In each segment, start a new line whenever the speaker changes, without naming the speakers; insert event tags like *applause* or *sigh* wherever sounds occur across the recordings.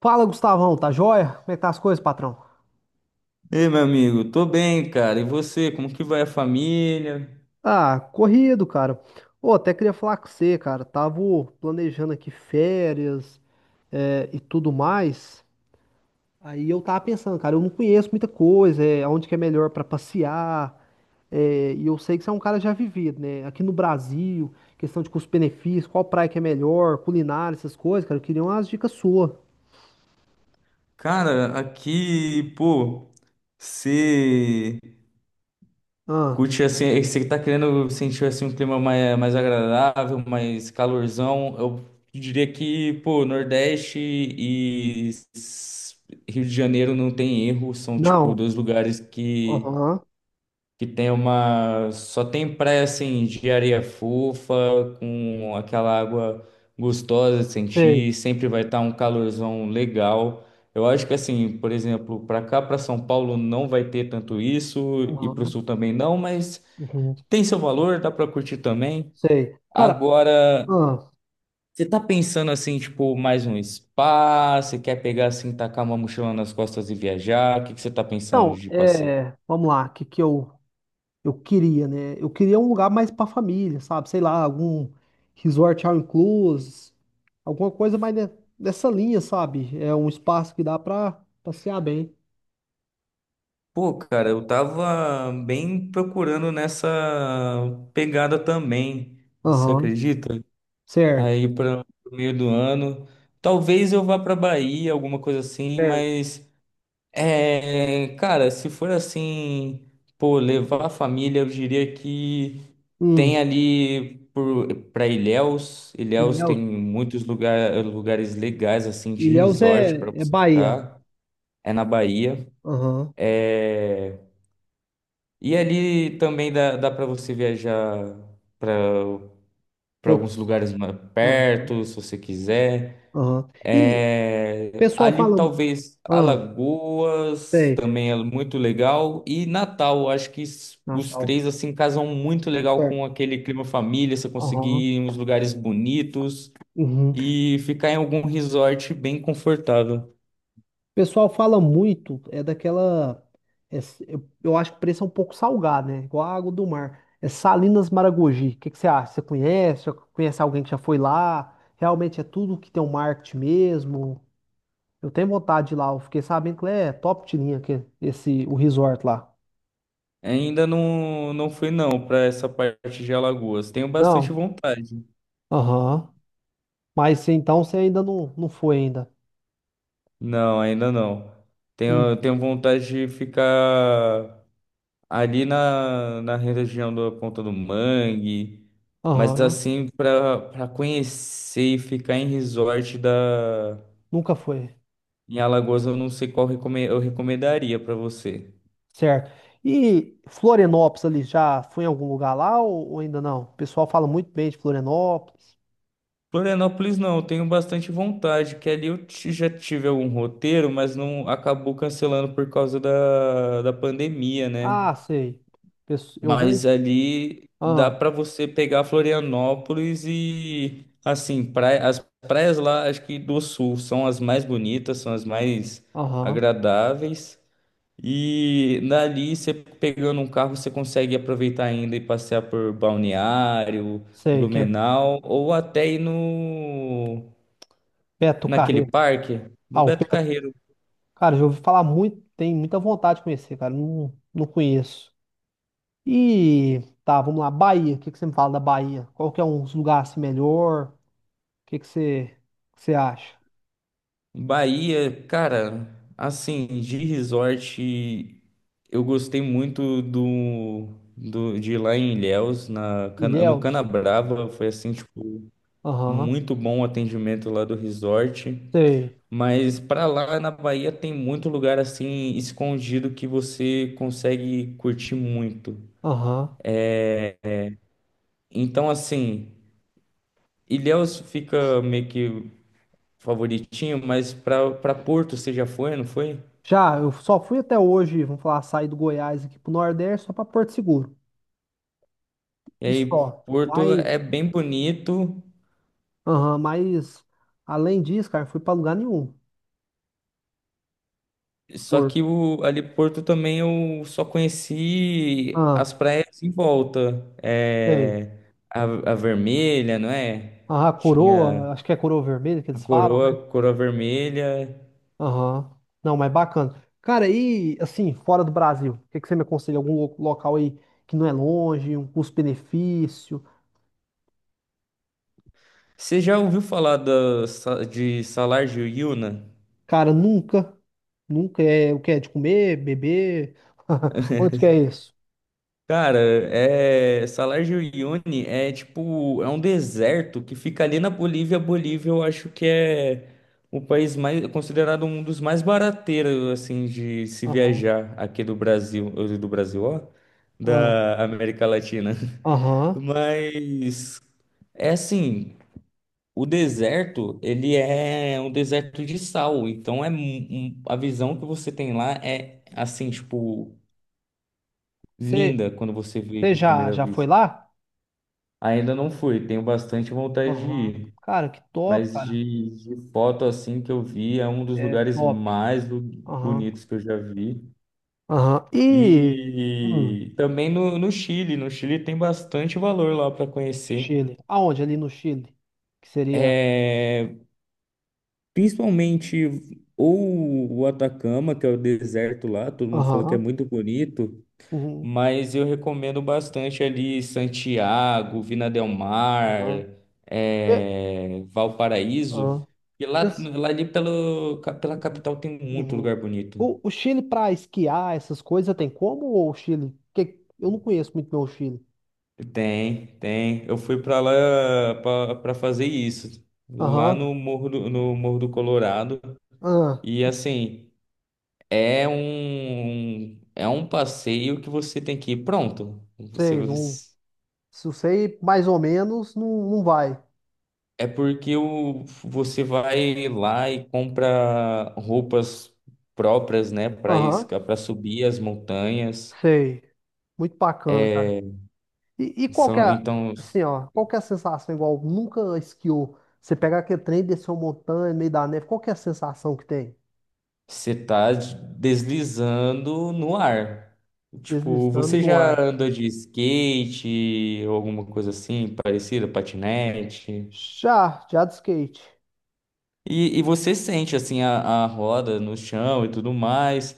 Fala, Gustavão, tá joia? Como é que tá as coisas, patrão?
Ei, meu amigo, tô bem, cara. E você, como que vai a família?
Ah, corrido, cara. Ô, até queria falar com você, cara. Tava planejando aqui férias, e tudo mais. Aí eu tava pensando, cara, eu não conheço muita coisa, é, aonde que é melhor pra passear. E eu sei que você é um cara já vivido, né? Aqui no Brasil, questão de custo-benefício, qual praia que é melhor, culinária, essas coisas, cara. Eu queria umas dicas suas.
Cara, aqui, pô, você
Ah,
curte assim, você tá querendo sentir assim um clima mais agradável, mais calorzão. Eu diria que, pô, Nordeste e s- Rio de Janeiro não tem erro, são tipo
não.
dois lugares que
Aham.
que tem uma. Só tem praia assim de areia fofa, com aquela água gostosa de sentir,
Sei.
sempre vai estar um calorzão legal. Eu acho que assim, por exemplo, para cá, para São Paulo, não vai ter tanto isso, e para o
Aham.
Sul também não, mas
Uhum.
tem seu valor, dá para curtir também.
Sei. Cara,
Agora,
ah,
você tá pensando assim, tipo, mais um spa? Você quer pegar assim, tacar uma mochila nas costas e viajar? O que que você tá pensando
Então,
de passeio?
é, vamos lá, o que, que eu queria, né? Eu queria um lugar mais pra família, sabe? Sei lá, algum resort all inclusive, alguma coisa mais nessa linha, sabe? É um espaço que dá pra passear bem.
Pô, cara, eu tava bem procurando nessa pegada também, você
Aham,
acredita?
certo.
Aí para o meio do ano, talvez eu vá pra Bahia, alguma coisa assim,
Certo.
mas é, cara, se for assim, pô, levar a família, eu diria que tem
Hum,
ali por, pra Ilhéus, Ilhéus tem
Ilhéus,
muitos lugar, lugares legais assim de
Ilhéus
resort
é,
pra
é
você
Bahia.
ficar, é na Bahia.
Aham,
É, e ali também dá para você viajar para para
pro-
alguns lugares mais
aham,
perto, se você quiser.
aham. E o
É,
pessoal
ali
fala.
talvez
Ah,
Alagoas
sei,
também é muito legal e Natal, acho que os
Natal,
três assim casam muito legal com
certo.
aquele clima família, você conseguir
Aham,
ir em uns lugares bonitos
uhum.
e ficar em algum resort bem confortável.
O pessoal fala muito, é daquela. Eu, acho que o preço é um pouco salgado, né? Igual a água do mar. É Salinas Maragogi. O que que você acha? Você conhece? Já conhece alguém que já foi lá? Realmente é tudo que tem um marketing mesmo? Eu tenho vontade de ir lá. Eu fiquei sabendo que lá é top de linha aqui, esse, o resort lá.
Ainda não, não fui não para essa parte de Alagoas. Tenho bastante
Não?
vontade.
Aham. Mas então você ainda não, não foi ainda.
Não, ainda não. Tenho,
Hum.
tenho vontade de ficar ali na região da Ponta do Mangue, mas
Aham.
assim, para conhecer e ficar em resort da,
Nunca foi.
em Alagoas, eu não sei qual eu recomendaria para você.
Certo. E Florianópolis ali, já foi em algum lugar lá ou ainda não? O pessoal fala muito bem de Florianópolis.
Florianópolis não, eu tenho bastante vontade, que ali eu já tive algum roteiro, mas não acabou cancelando por causa da pandemia, né?
Ah, sei. Eu vejo.
Mas ali dá
Ah,
para você pegar Florianópolis e assim, praia, as praias lá, acho que do sul são as mais bonitas, são as mais
aham.
agradáveis. E dali você pegando um carro, você consegue aproveitar ainda e passear por Balneário,
Sei, que é
Blumenau ou até ir
Beto
naquele
Carreiro.
parque,
Ah,
no
o
Beto
Beto.
Carreiro.
Cara, já ouvi falar muito, tem muita vontade de conhecer, cara. Não, não conheço. E tá, vamos lá. Bahia. O que que você me fala da Bahia? Qual que é uns lugares assim, melhor? O que que você acha?
Bahia, cara, assim, de resort, eu gostei muito do de ir lá em Ilhéus, na, no
Ilhéus?
Canabrava, foi assim, tipo,
Aham.
muito bom o atendimento lá do resort.
Sei.
Mas pra lá na Bahia tem muito lugar assim escondido que você consegue curtir muito.
Aham.
Então, assim, Ilhéus fica meio que favoritinho, mas pra para Porto você já foi, não foi?
Já, eu só fui até hoje, vamos falar, sair do Goiás aqui pro Nordeste só pra Porto Seguro.
E
E
aí,
só.
Porto é
Mas,
bem bonito,
aham, mas além disso, cara, eu fui pra lugar nenhum.
só
Por,
que o, ali Porto também eu só conheci
ah,
as praias em volta.
sei.
É, a, a Vermelha, não é?
Aham,
Tinha
coroa, acho que é coroa vermelha que
a
eles falam, né?
Coroa, Coroa Vermelha.
Aham. Não, mas bacana. Cara, e assim, fora do Brasil, o que que você me aconselha? Algum local aí que não é longe, um custo-benefício?
Você já ouviu falar da, de Salar de Uyuna?
Cara, nunca, nunca é o que é de comer, beber. *laughs* Onde que é isso?
Cara, Salar de Uyuni é tipo, é um deserto que fica ali na Bolívia. A Bolívia eu acho que é o país mais, considerado um dos mais barateiros, assim, de se
Aham.
viajar aqui do Brasil, ou do Brasil, ó,
aham.
da América Latina. *laughs*
Aham.
Mas, é assim, o deserto, ele é um deserto de sal, então é a visão que você tem lá é, assim, tipo,
Você
linda quando você vê
você
de
já,
primeira
já foi
vista.
lá?
Ainda não fui, tenho bastante vontade de
Aham.
ir,
Cara, que top,
mas
cara.
de foto assim que eu vi, é um dos
É
lugares
top.
mais
Aham.
bonitos que eu já vi.
Aham. E. hum,
E também no Chile, no Chile tem bastante valor lá para conhecer.
Chile. Aonde? Ali no Chile? Que seria.
É, principalmente ou o Atacama, que é o deserto lá, todo mundo fala que é
Aham.
muito bonito,
Uhum.
mas eu recomendo bastante ali Santiago, Vina del Mar,
Aham. Pe-
Valparaíso.
aham.
E lá,
Pens-
lá ali pelo, pela
Uhum.
capital tem muito
Uhum.
lugar bonito.
O Chile pra esquiar, essas coisas, tem como? Ou o Chile? Que, eu não conheço muito bem o Chile.
Tem, tem. Eu fui para lá para fazer isso, lá
Aham.
no Morro no Morro do Colorado.
Ah,
E assim, é é um passeio que você tem que ir pronto. Você
sei. Não, se eu sei mais ou menos, não, não vai.
é porque o, você vai lá e compra roupas próprias, né, para
Aham.
isca, para subir as montanhas.
Sei. Muito bacana, cara. E, e qual que é,
Então,
assim, ó, qual que é a sensação igual nunca esquiou? Você pegar aquele trem, descer uma montanha, no meio da neve, qual que é a sensação que tem?
você tá deslizando no ar. Tipo,
Deslizando
você
no
já
ar.
andou de skate ou alguma coisa assim, parecida, patinete?
Já, já de skate.
E você sente, assim, a roda no chão e tudo mais.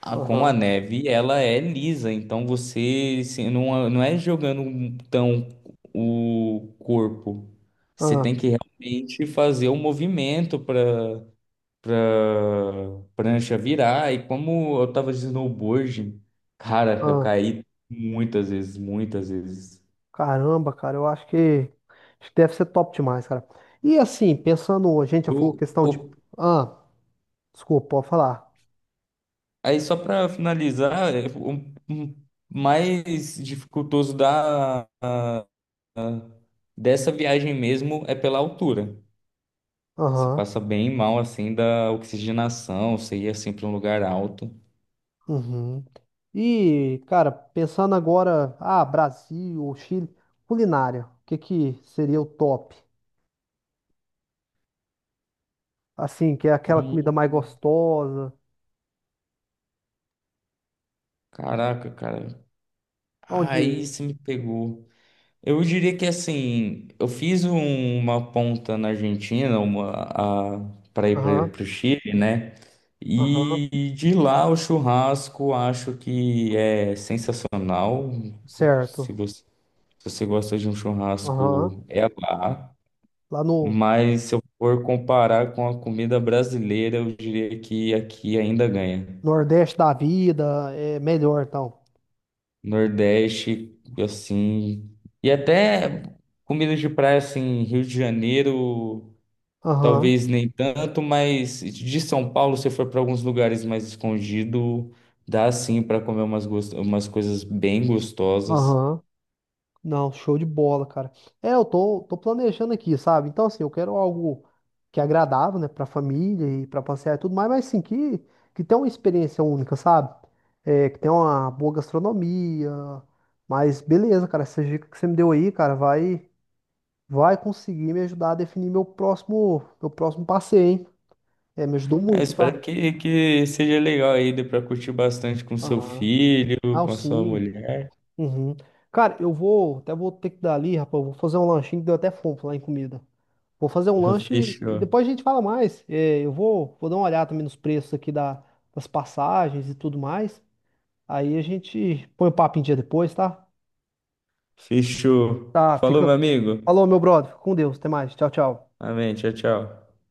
Ah, com a
Aham,
neve, ela é lisa, então você assim, não, não é jogando tão o corpo. Você
aham,
tem que realmente fazer o movimento para prancha virar. E como eu tava de snowboard, cara, eu
aham.
caí muitas vezes, muitas vezes.
Caramba, cara, acho que deve ser top demais, cara. E assim, pensando, a gente já
O,
falou questão
o,
de... Ah, desculpa, pode falar.
aí só para finalizar, é, o mais dificultoso a- dessa viagem mesmo é pela altura. Você
Aham.
passa bem mal assim da oxigenação, você ia assim para um lugar alto.
Uhum. E, cara, pensando agora, ah, Brasil ou Chile, culinária, o que que seria o top? Assim, que é aquela comida mais
Hum,
gostosa,
caraca, cara. Aí
onde,
você me pegou. Eu diria que assim, eu fiz uma ponta na Argentina, uma para
aham,
ir para o Chile, né?
aham,
E de lá o churrasco acho que é sensacional. Se
certo,
você, se você gosta de um
aham,
churrasco, é lá.
lá no
Mas se eu for comparar com a comida brasileira, eu diria que aqui ainda ganha.
Nordeste da vida é melhor, então,
Nordeste, assim. E até comidas de praia, assim, Rio de Janeiro,
aham,
talvez nem tanto, mas de São Paulo, se for para alguns lugares mais escondido dá sim para comer umas, umas coisas bem gostosas.
aham, não, show de bola, cara. Tô planejando aqui, sabe? Então, assim, eu quero algo que é agradável, né, pra família e pra passear e tudo mais, mas sim, que tenha uma experiência única, sabe? É, que tenha uma boa gastronomia. Mas beleza, cara, essa dica que você me deu aí, cara, vai, vai conseguir me ajudar a definir meu próximo passeio, hein? É, me ajudou
É, eu
muito, tá?
espero que seja legal aí, dê para curtir bastante com seu
Aham.
filho,
Ah,
com a sua
sim.
mulher.
Uhum. Cara, até vou ter que dar ali, rapaz, eu vou fazer um lanchinho que deu até fome lá em comida. Vou fazer um
*laughs*
lanche e
Fechou.
depois a gente fala mais. Vou dar uma olhada também nos preços aqui das passagens e tudo mais. Aí a gente põe o papo em dia depois, tá?
Fechou.
Tá,
Falou,
fica.
meu amigo.
Falou, meu brother. Fica com Deus. Até mais. Tchau, tchau.
Amém. Tchau, tchau.